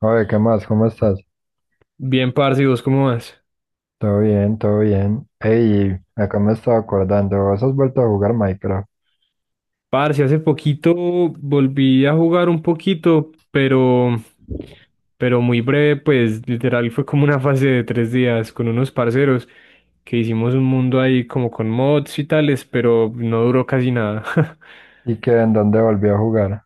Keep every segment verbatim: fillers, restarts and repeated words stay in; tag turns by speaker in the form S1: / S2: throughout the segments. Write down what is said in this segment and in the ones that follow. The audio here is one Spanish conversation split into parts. S1: Oye, ¿qué más? ¿Cómo estás?
S2: Bien, parce, ¿y vos cómo vas?
S1: Todo bien, todo bien. Ey, acá me estaba acordando, vos has vuelto a jugar Minecraft.
S2: Parce, hace poquito volví a jugar un poquito, pero, pero muy breve, pues literal fue como una fase de tres días con unos parceros que hicimos un mundo ahí como con mods y tales, pero no duró casi nada.
S1: ¿Y qué? ¿En dónde volvió a jugar?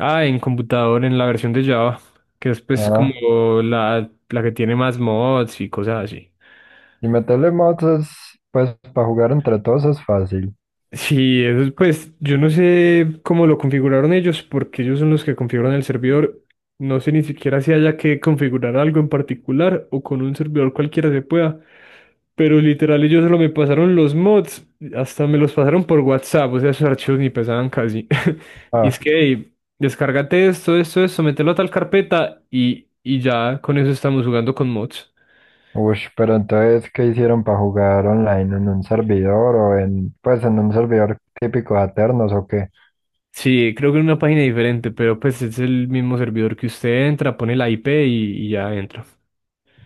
S2: Ah, en computador, en la versión de Java, que es pues
S1: Ah,
S2: como la, la que tiene más mods y cosas así.
S1: y meterle mods es, pues, para jugar entre todos es fácil.
S2: Sí, eso es, pues yo no sé cómo lo configuraron ellos, porque ellos son los que configuran el servidor. No sé ni siquiera si haya que configurar algo en particular o con un servidor cualquiera se pueda. Pero literal ellos solo me pasaron los mods, hasta me los pasaron por WhatsApp, o sea, esos archivos ni pesaban casi. Y es
S1: Ah,
S2: que, "Ey, descárgate esto, esto, esto, mételo a tal carpeta y, y ya con eso estamos jugando con mods".
S1: ush, pero entonces, ¿qué hicieron para jugar online? ¿En un servidor o en, pues, en un servidor típico de Aternos o qué?
S2: Sí, creo que en una página diferente, pero pues es el mismo servidor que usted entra, pone la I P y, y ya entra.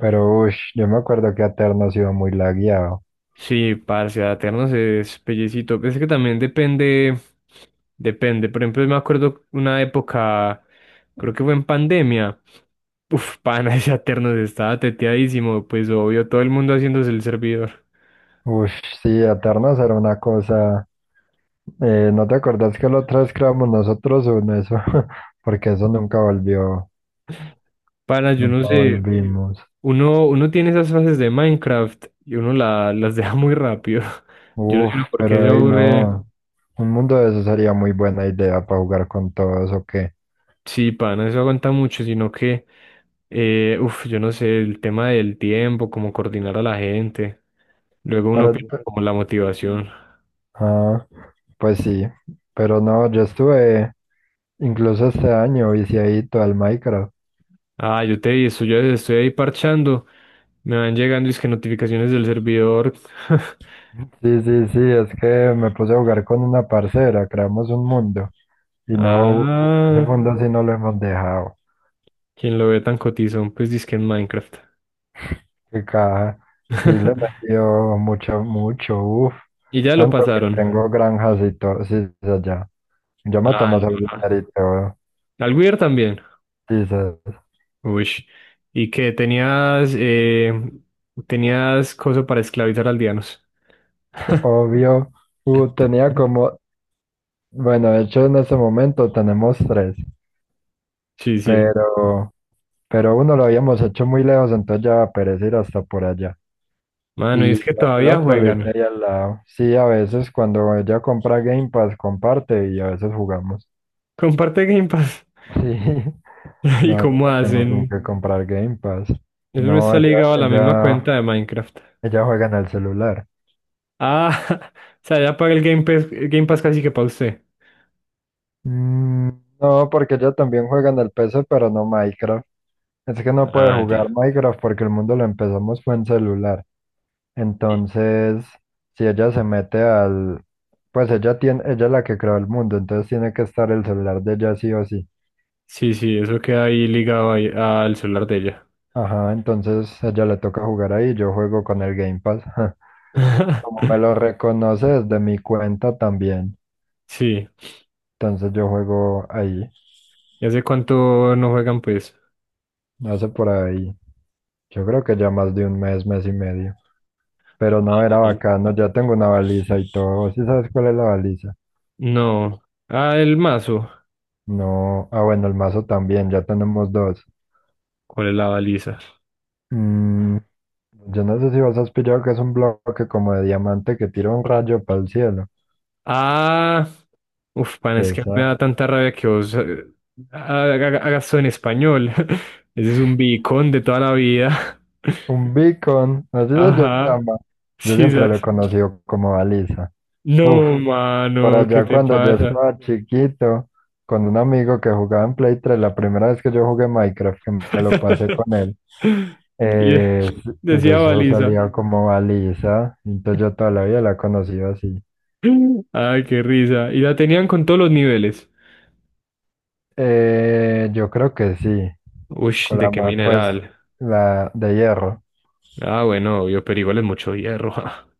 S1: Pero, ush, yo me acuerdo que Aternos iba muy lagueado.
S2: Sí, parce, Aternos es pellecito. Es que también depende, depende. Por ejemplo, me acuerdo una época, creo que fue en pandemia. Uf, pana, ese Aternos estaba teteadísimo, pues obvio, todo el mundo haciéndose el servidor.
S1: Ush, sí, Aternos era una cosa. Eh, ¿no te acordás que la otra vez creamos nosotros en eso? Porque eso nunca volvió,
S2: Pana, yo no
S1: nunca
S2: sé,
S1: volvimos.
S2: uno, uno tiene esas fases de Minecraft y uno la- las deja muy rápido. Yo no
S1: Uf,
S2: sé uno por qué se
S1: pero ahí
S2: aburre.
S1: no. Un mundo de eso sería muy buena idea para jugar con todos, ¿o qué?
S2: Sí, pa, no se aguanta mucho, sino que, eh, uff, yo no sé, el tema del tiempo, cómo coordinar a la gente. Luego
S1: Para,
S2: uno pierde como la motivación.
S1: ah, pues sí, pero no, yo estuve incluso este año viciadito al Minecraft.
S2: Ah, yo te vi, eso, yo estoy ahí parchando. Me van llegando es que notificaciones del servidor.
S1: Sí, sí, sí, es que me puse a jugar con una parcera, creamos un mundo y no, ese
S2: Ah,
S1: mundo sí no lo hemos dejado.
S2: quien lo ve tan cotizón, pues dice que en Minecraft.
S1: Qué caja. Sí, le metió mucho, mucho, uff.
S2: Y ya lo
S1: Tanto que
S2: pasaron.
S1: tengo granjas y todo, sí, sí, allá. Yo me
S2: Ah,
S1: tomo
S2: no.
S1: ese
S2: Ah.
S1: dinerito,
S2: Al Weir también.
S1: dices,
S2: Uy. ¿Y que tenías eh, tenías cosa para esclavizar aldeanos?
S1: obvio. Uh, tenía como, bueno, de hecho en ese momento tenemos tres,
S2: Sí, sí.
S1: pero, pero uno lo habíamos hecho muy lejos, entonces ya va a perecer hasta por allá.
S2: Mano, y
S1: Y
S2: es que
S1: el
S2: todavía
S1: otro le hice
S2: juegan.
S1: ahí al lado. Sí, a veces cuando ella compra Game Pass comparte y a veces jugamos.
S2: Comparte Game Pass.
S1: Sí.
S2: ¿Y
S1: No, yo
S2: cómo
S1: no tengo con
S2: hacen?
S1: qué comprar Game Pass.
S2: Eso no
S1: No,
S2: está
S1: ella,
S2: ligado a la misma
S1: ella,
S2: cuenta de Minecraft.
S1: ella juega en el celular.
S2: Ah, o sea, ya paga el Game Pass, el Game Pass casi que para usted.
S1: Mm, no, porque ella también juega en el P C, pero no Minecraft. Es que no puede
S2: Ah,
S1: jugar
S2: ya.
S1: Minecraft porque el mundo lo empezamos fue en celular. Entonces, si ella se mete al... Pues ella tiene, ella es la que creó el mundo, entonces tiene que estar el celular de ella sí o sí.
S2: Sí, sí, eso queda ahí ligado ahí al celular de ella.
S1: Ajá, entonces a ella le toca jugar ahí, yo juego con el Game Pass. Como me lo reconoce desde mi cuenta también.
S2: Sí.
S1: Entonces yo juego ahí,
S2: ¿Y hace cuánto no juegan, pues?
S1: hace por ahí, yo creo que ya más de un mes, mes y medio. Pero no era bacano, ya tengo una baliza y todo. ¿Sí sabes cuál es la baliza?
S2: No. Ah, el mazo.
S1: No, ah bueno, el mazo también, ya tenemos dos.
S2: ¿Cuál es la baliza?
S1: Mm, yo no sé si vos has pillado que es un bloque como de diamante que tira un rayo para el cielo.
S2: Ah. Uf, pan, es que me da
S1: Esa,
S2: tanta rabia que vos eh, ha- haga- hagas eso en español. Ese es un bicón de toda la vida.
S1: un beacon, así se
S2: Ajá.
S1: llama. Yo
S2: Sí,
S1: siempre lo he
S2: sabes.
S1: conocido como baliza. Uf,
S2: No,
S1: por
S2: mano, ¿qué
S1: allá no,
S2: te
S1: cuando yo
S2: pasa?
S1: estaba chiquito, con un amigo que jugaba en Play tres la primera vez que yo jugué Minecraft, que me lo pasé con él,
S2: Y de-
S1: eh, pues
S2: Decía
S1: eso
S2: baliza.
S1: salía como Alisa, entonces yo toda la vida la he conocido así.
S2: Ay, qué risa. Y la tenían con todos los niveles.
S1: Eh, yo creo que sí,
S2: Uy,
S1: con la
S2: ¿de qué
S1: ma- pues
S2: mineral?
S1: la de hierro.
S2: Ah, bueno, obvio, pero igual es mucho hierro.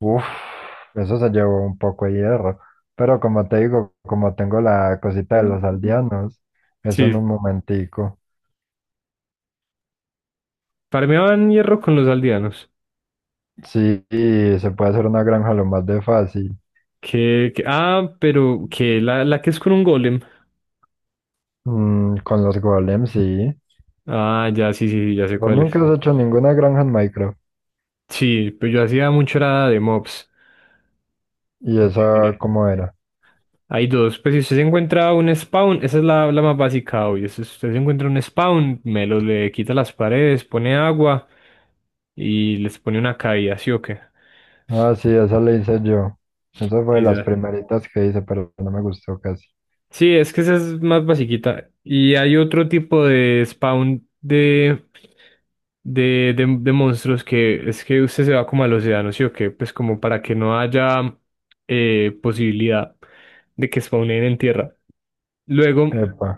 S1: Uf, eso se llevó un poco de hierro, pero como te digo, como tengo la cosita de los aldeanos, eso
S2: Sí,
S1: en un momentico.
S2: farmeaban hierro con los aldeanos.
S1: Sí, y se puede hacer una granja lo más de fácil.
S2: Que, que- ah, pero que la, la que es con un golem.
S1: Mm, con los golems, sí.
S2: Ah, ya, sí, sí, sí, ya sé
S1: Vos
S2: cuál
S1: nunca
S2: es.
S1: has hecho ninguna granja en Minecraft.
S2: Sí, pues yo hacía mucho era de mobs.
S1: ¿Y esa
S2: Eh,
S1: cómo era?
S2: Hay dos, pues si usted se encuentra un spawn, esa es la, la más básica, obvio. Si usted se encuentra un spawn, me lo le quita las paredes, pone agua y les pone una caída, ¿sí o qué?
S1: Ah, sí, esa la hice yo. Esa fue de
S2: Sí,
S1: las
S2: ya.
S1: primeritas que hice, pero no me gustó casi.
S2: Sí, es que esa es más basiquita. Y hay otro tipo de spawn de de, de, de monstruos que es que usted se va como al océano, ¿sí o qué? Pues como para que no haya eh, posibilidad de que spawnen en tierra. Luego
S1: Epa.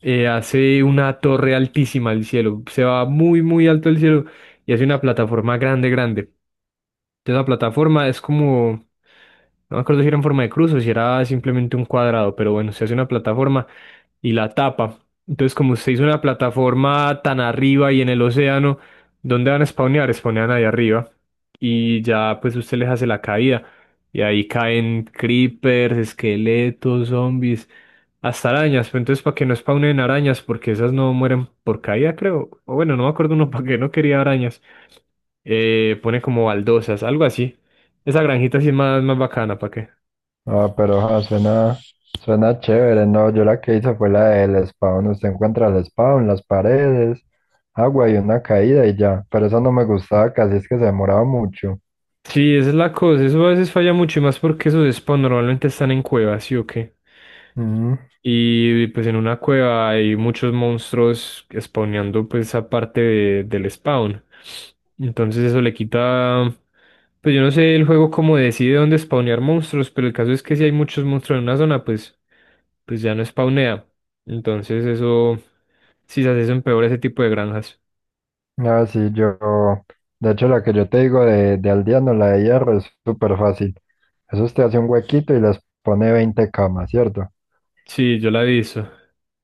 S2: eh, hace una torre altísima al cielo, se va muy, muy alto al cielo y hace una plataforma grande, grande. Entonces la plataforma es como, no me acuerdo si era en forma de cruz o si era simplemente un cuadrado, pero bueno, se hace una plataforma y la tapa. Entonces, como usted hizo una plataforma tan arriba y en el océano, ¿dónde van a spawnear? Spawnean ahí arriba. Y ya, pues usted les hace la caída. Y ahí caen creepers, esqueletos, zombies, hasta arañas. Pero entonces, para que no spawnen arañas, porque esas no mueren por caída, creo. O bueno, no me acuerdo uno para qué no quería arañas. Eh, pone como baldosas, algo así. Esa granjita sí es más, más bacana, ¿para qué?
S1: Ah, pero ah, suena, suena chévere. No, yo la que hice fue la del spawn. Usted encuentra el spawn, las paredes, agua y una caída y ya. Pero esa no me gustaba casi, es que se demoraba mucho.
S2: Sí, esa es la cosa, eso a veces falla mucho y más porque esos spawns normalmente están en cuevas, ¿sí o qué?
S1: Mm.
S2: Y pues en una cueva hay muchos monstruos spawneando pues esa parte de- del spawn. Entonces eso le quita, pues yo no sé el juego cómo decide dónde spawnear monstruos, pero el caso es que si hay muchos monstruos en una zona, pues, pues ya no spawnea. Entonces eso, sí, se hace eso empeora ese tipo de granjas.
S1: Ah, sí, yo, de hecho la que yo te digo de, de Aldeano, la de hierro, es súper fácil. Eso usted hace un huequito y les pone veinte camas, ¿cierto?
S2: Sí, yo la he visto.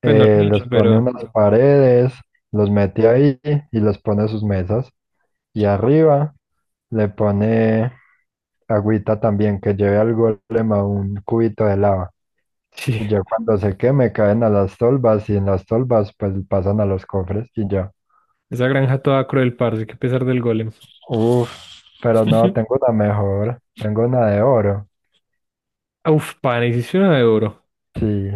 S2: Pues no la
S1: Eh,
S2: he
S1: les
S2: hecho,
S1: pone
S2: pero
S1: unas paredes, los mete ahí y les pone sus mesas. Y arriba le pone agüita también, que lleve al golem a un cubito de lava.
S2: sí.
S1: Y ya cuando se queme caen a las tolvas y en las tolvas pues pasan a los cofres y ya.
S2: Esa granja toda cruel, parce, que pesar del golem.
S1: Uf, pero no, tengo una mejor, tengo una de oro.
S2: Uf, pana, hiciste una de oro.
S1: Sí,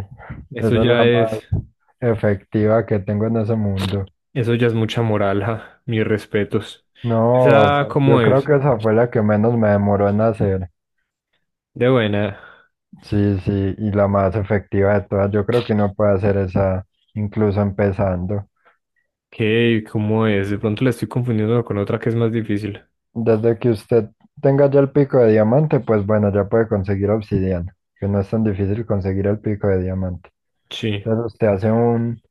S1: esa es
S2: Eso ya
S1: la
S2: es,
S1: más efectiva que tengo en ese mundo.
S2: Eso ya es mucha moral, ja. Mis respetos. Esa,
S1: No,
S2: claro. ¿Cómo
S1: yo creo
S2: es?
S1: que esa fue la que menos me demoró en hacer.
S2: De buena.
S1: Sí, sí, y la más efectiva de todas. Yo creo que uno puede hacer esa incluso empezando.
S2: ¿Qué? ¿Cómo es? De pronto la estoy confundiendo con otra que es más difícil.
S1: Desde que usted tenga ya el pico de diamante, pues bueno, ya puede conseguir obsidiana, que no es tan difícil conseguir el pico de diamante.
S2: Sí.
S1: Entonces usted hace un,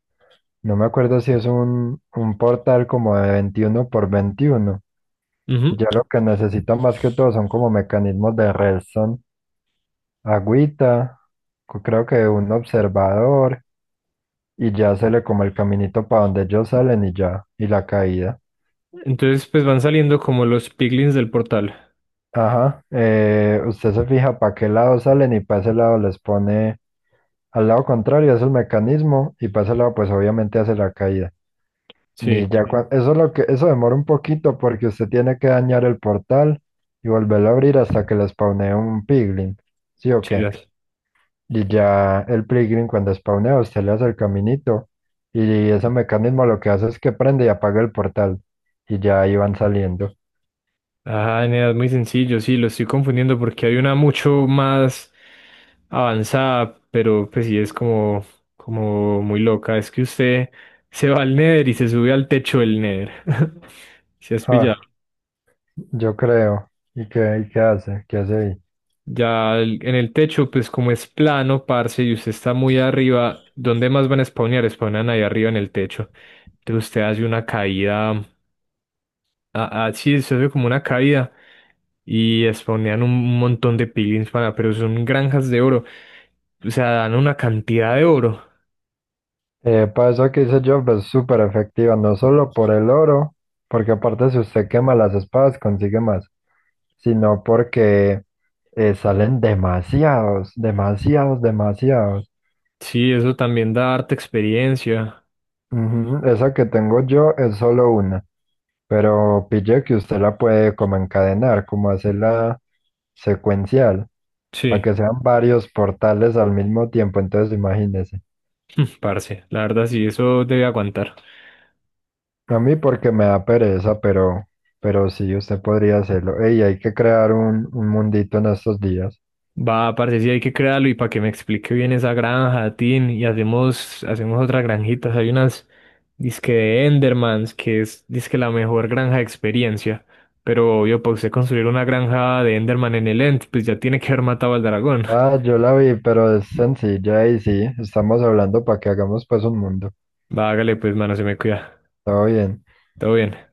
S1: no me acuerdo si es un, un portal como de veintiuno por veintiuno.
S2: Ujú.
S1: Ya lo que necesitan más que todo son como mecanismos de redstone, agüita, co- creo que un observador y ya se le como el caminito para donde ellos salen y ya, y la caída.
S2: Entonces, pues van saliendo como los piglins del portal.
S1: Ajá, eh, usted se fija para qué lado salen y para ese lado les pone al lado contrario, es el mecanismo y para ese lado pues obviamente hace la caída. Y
S2: Sí,
S1: ya cua- eso es lo que, eso demora un poquito porque usted tiene que dañar el portal y volverlo a abrir hasta que les spawnee un piglin, ¿sí o qué?
S2: chidas.
S1: Y ya el Pilgrim cuando spawnea, usted le hace el caminito y ese mecanismo lo que hace es que prende y apaga el portal y ya ahí van saliendo.
S2: Ah, nada, es muy sencillo, sí, lo estoy confundiendo porque hay una mucho más avanzada, pero pues sí es como, como muy loca. Es que usted se va al Nether y se sube al techo del Nether. Si has pillado.
S1: Ah, yo creo. ¿Y qué, y qué hace? ¿Qué hace ahí?
S2: Ya el- en el techo, pues como es plano, parce, y usted está muy arriba, ¿dónde más van a spawnear? Spawnan ahí arriba en el techo. Entonces usted hace una caída. Ah, ah, sí, se hace como una caída y spawnean un montón de piglins, pana, pero son granjas de oro. O sea, dan una cantidad de oro.
S1: Eh, para eso que hice Job es súper efectiva, no solo por el oro, porque aparte si usted quema las espadas consigue más, sino porque eh, salen demasiados, demasiados, demasiados.
S2: Sí, eso también da harta experiencia.
S1: Ujú, esa que tengo yo es solo una. Pero pille que usted la puede como encadenar, como hacerla secuencial, para
S2: Sí,
S1: que sean varios portales al mismo tiempo. Entonces, imagínese.
S2: parce, la verdad sí, eso debe aguantar.
S1: A mí porque me da pereza, pero, pero sí, usted podría hacerlo. Ey, hay que crear un, un mundito en estos días.
S2: Va, parce, sí hay que crearlo y para que me explique bien esa granja, Tin, y hacemos, hacemos otras granjitas. Hay unas disque de Endermans, que es disque la mejor granja de experiencia. Pero obvio, para usted construir una granja de Enderman en el End, pues ya tiene que haber matado al dragón.
S1: Ah, yo la vi, pero es sencilla y sí, estamos hablando para que hagamos pues un mundo.
S2: Va, hágale pues, mano, se me cuida.
S1: Todo bien.
S2: Todo bien.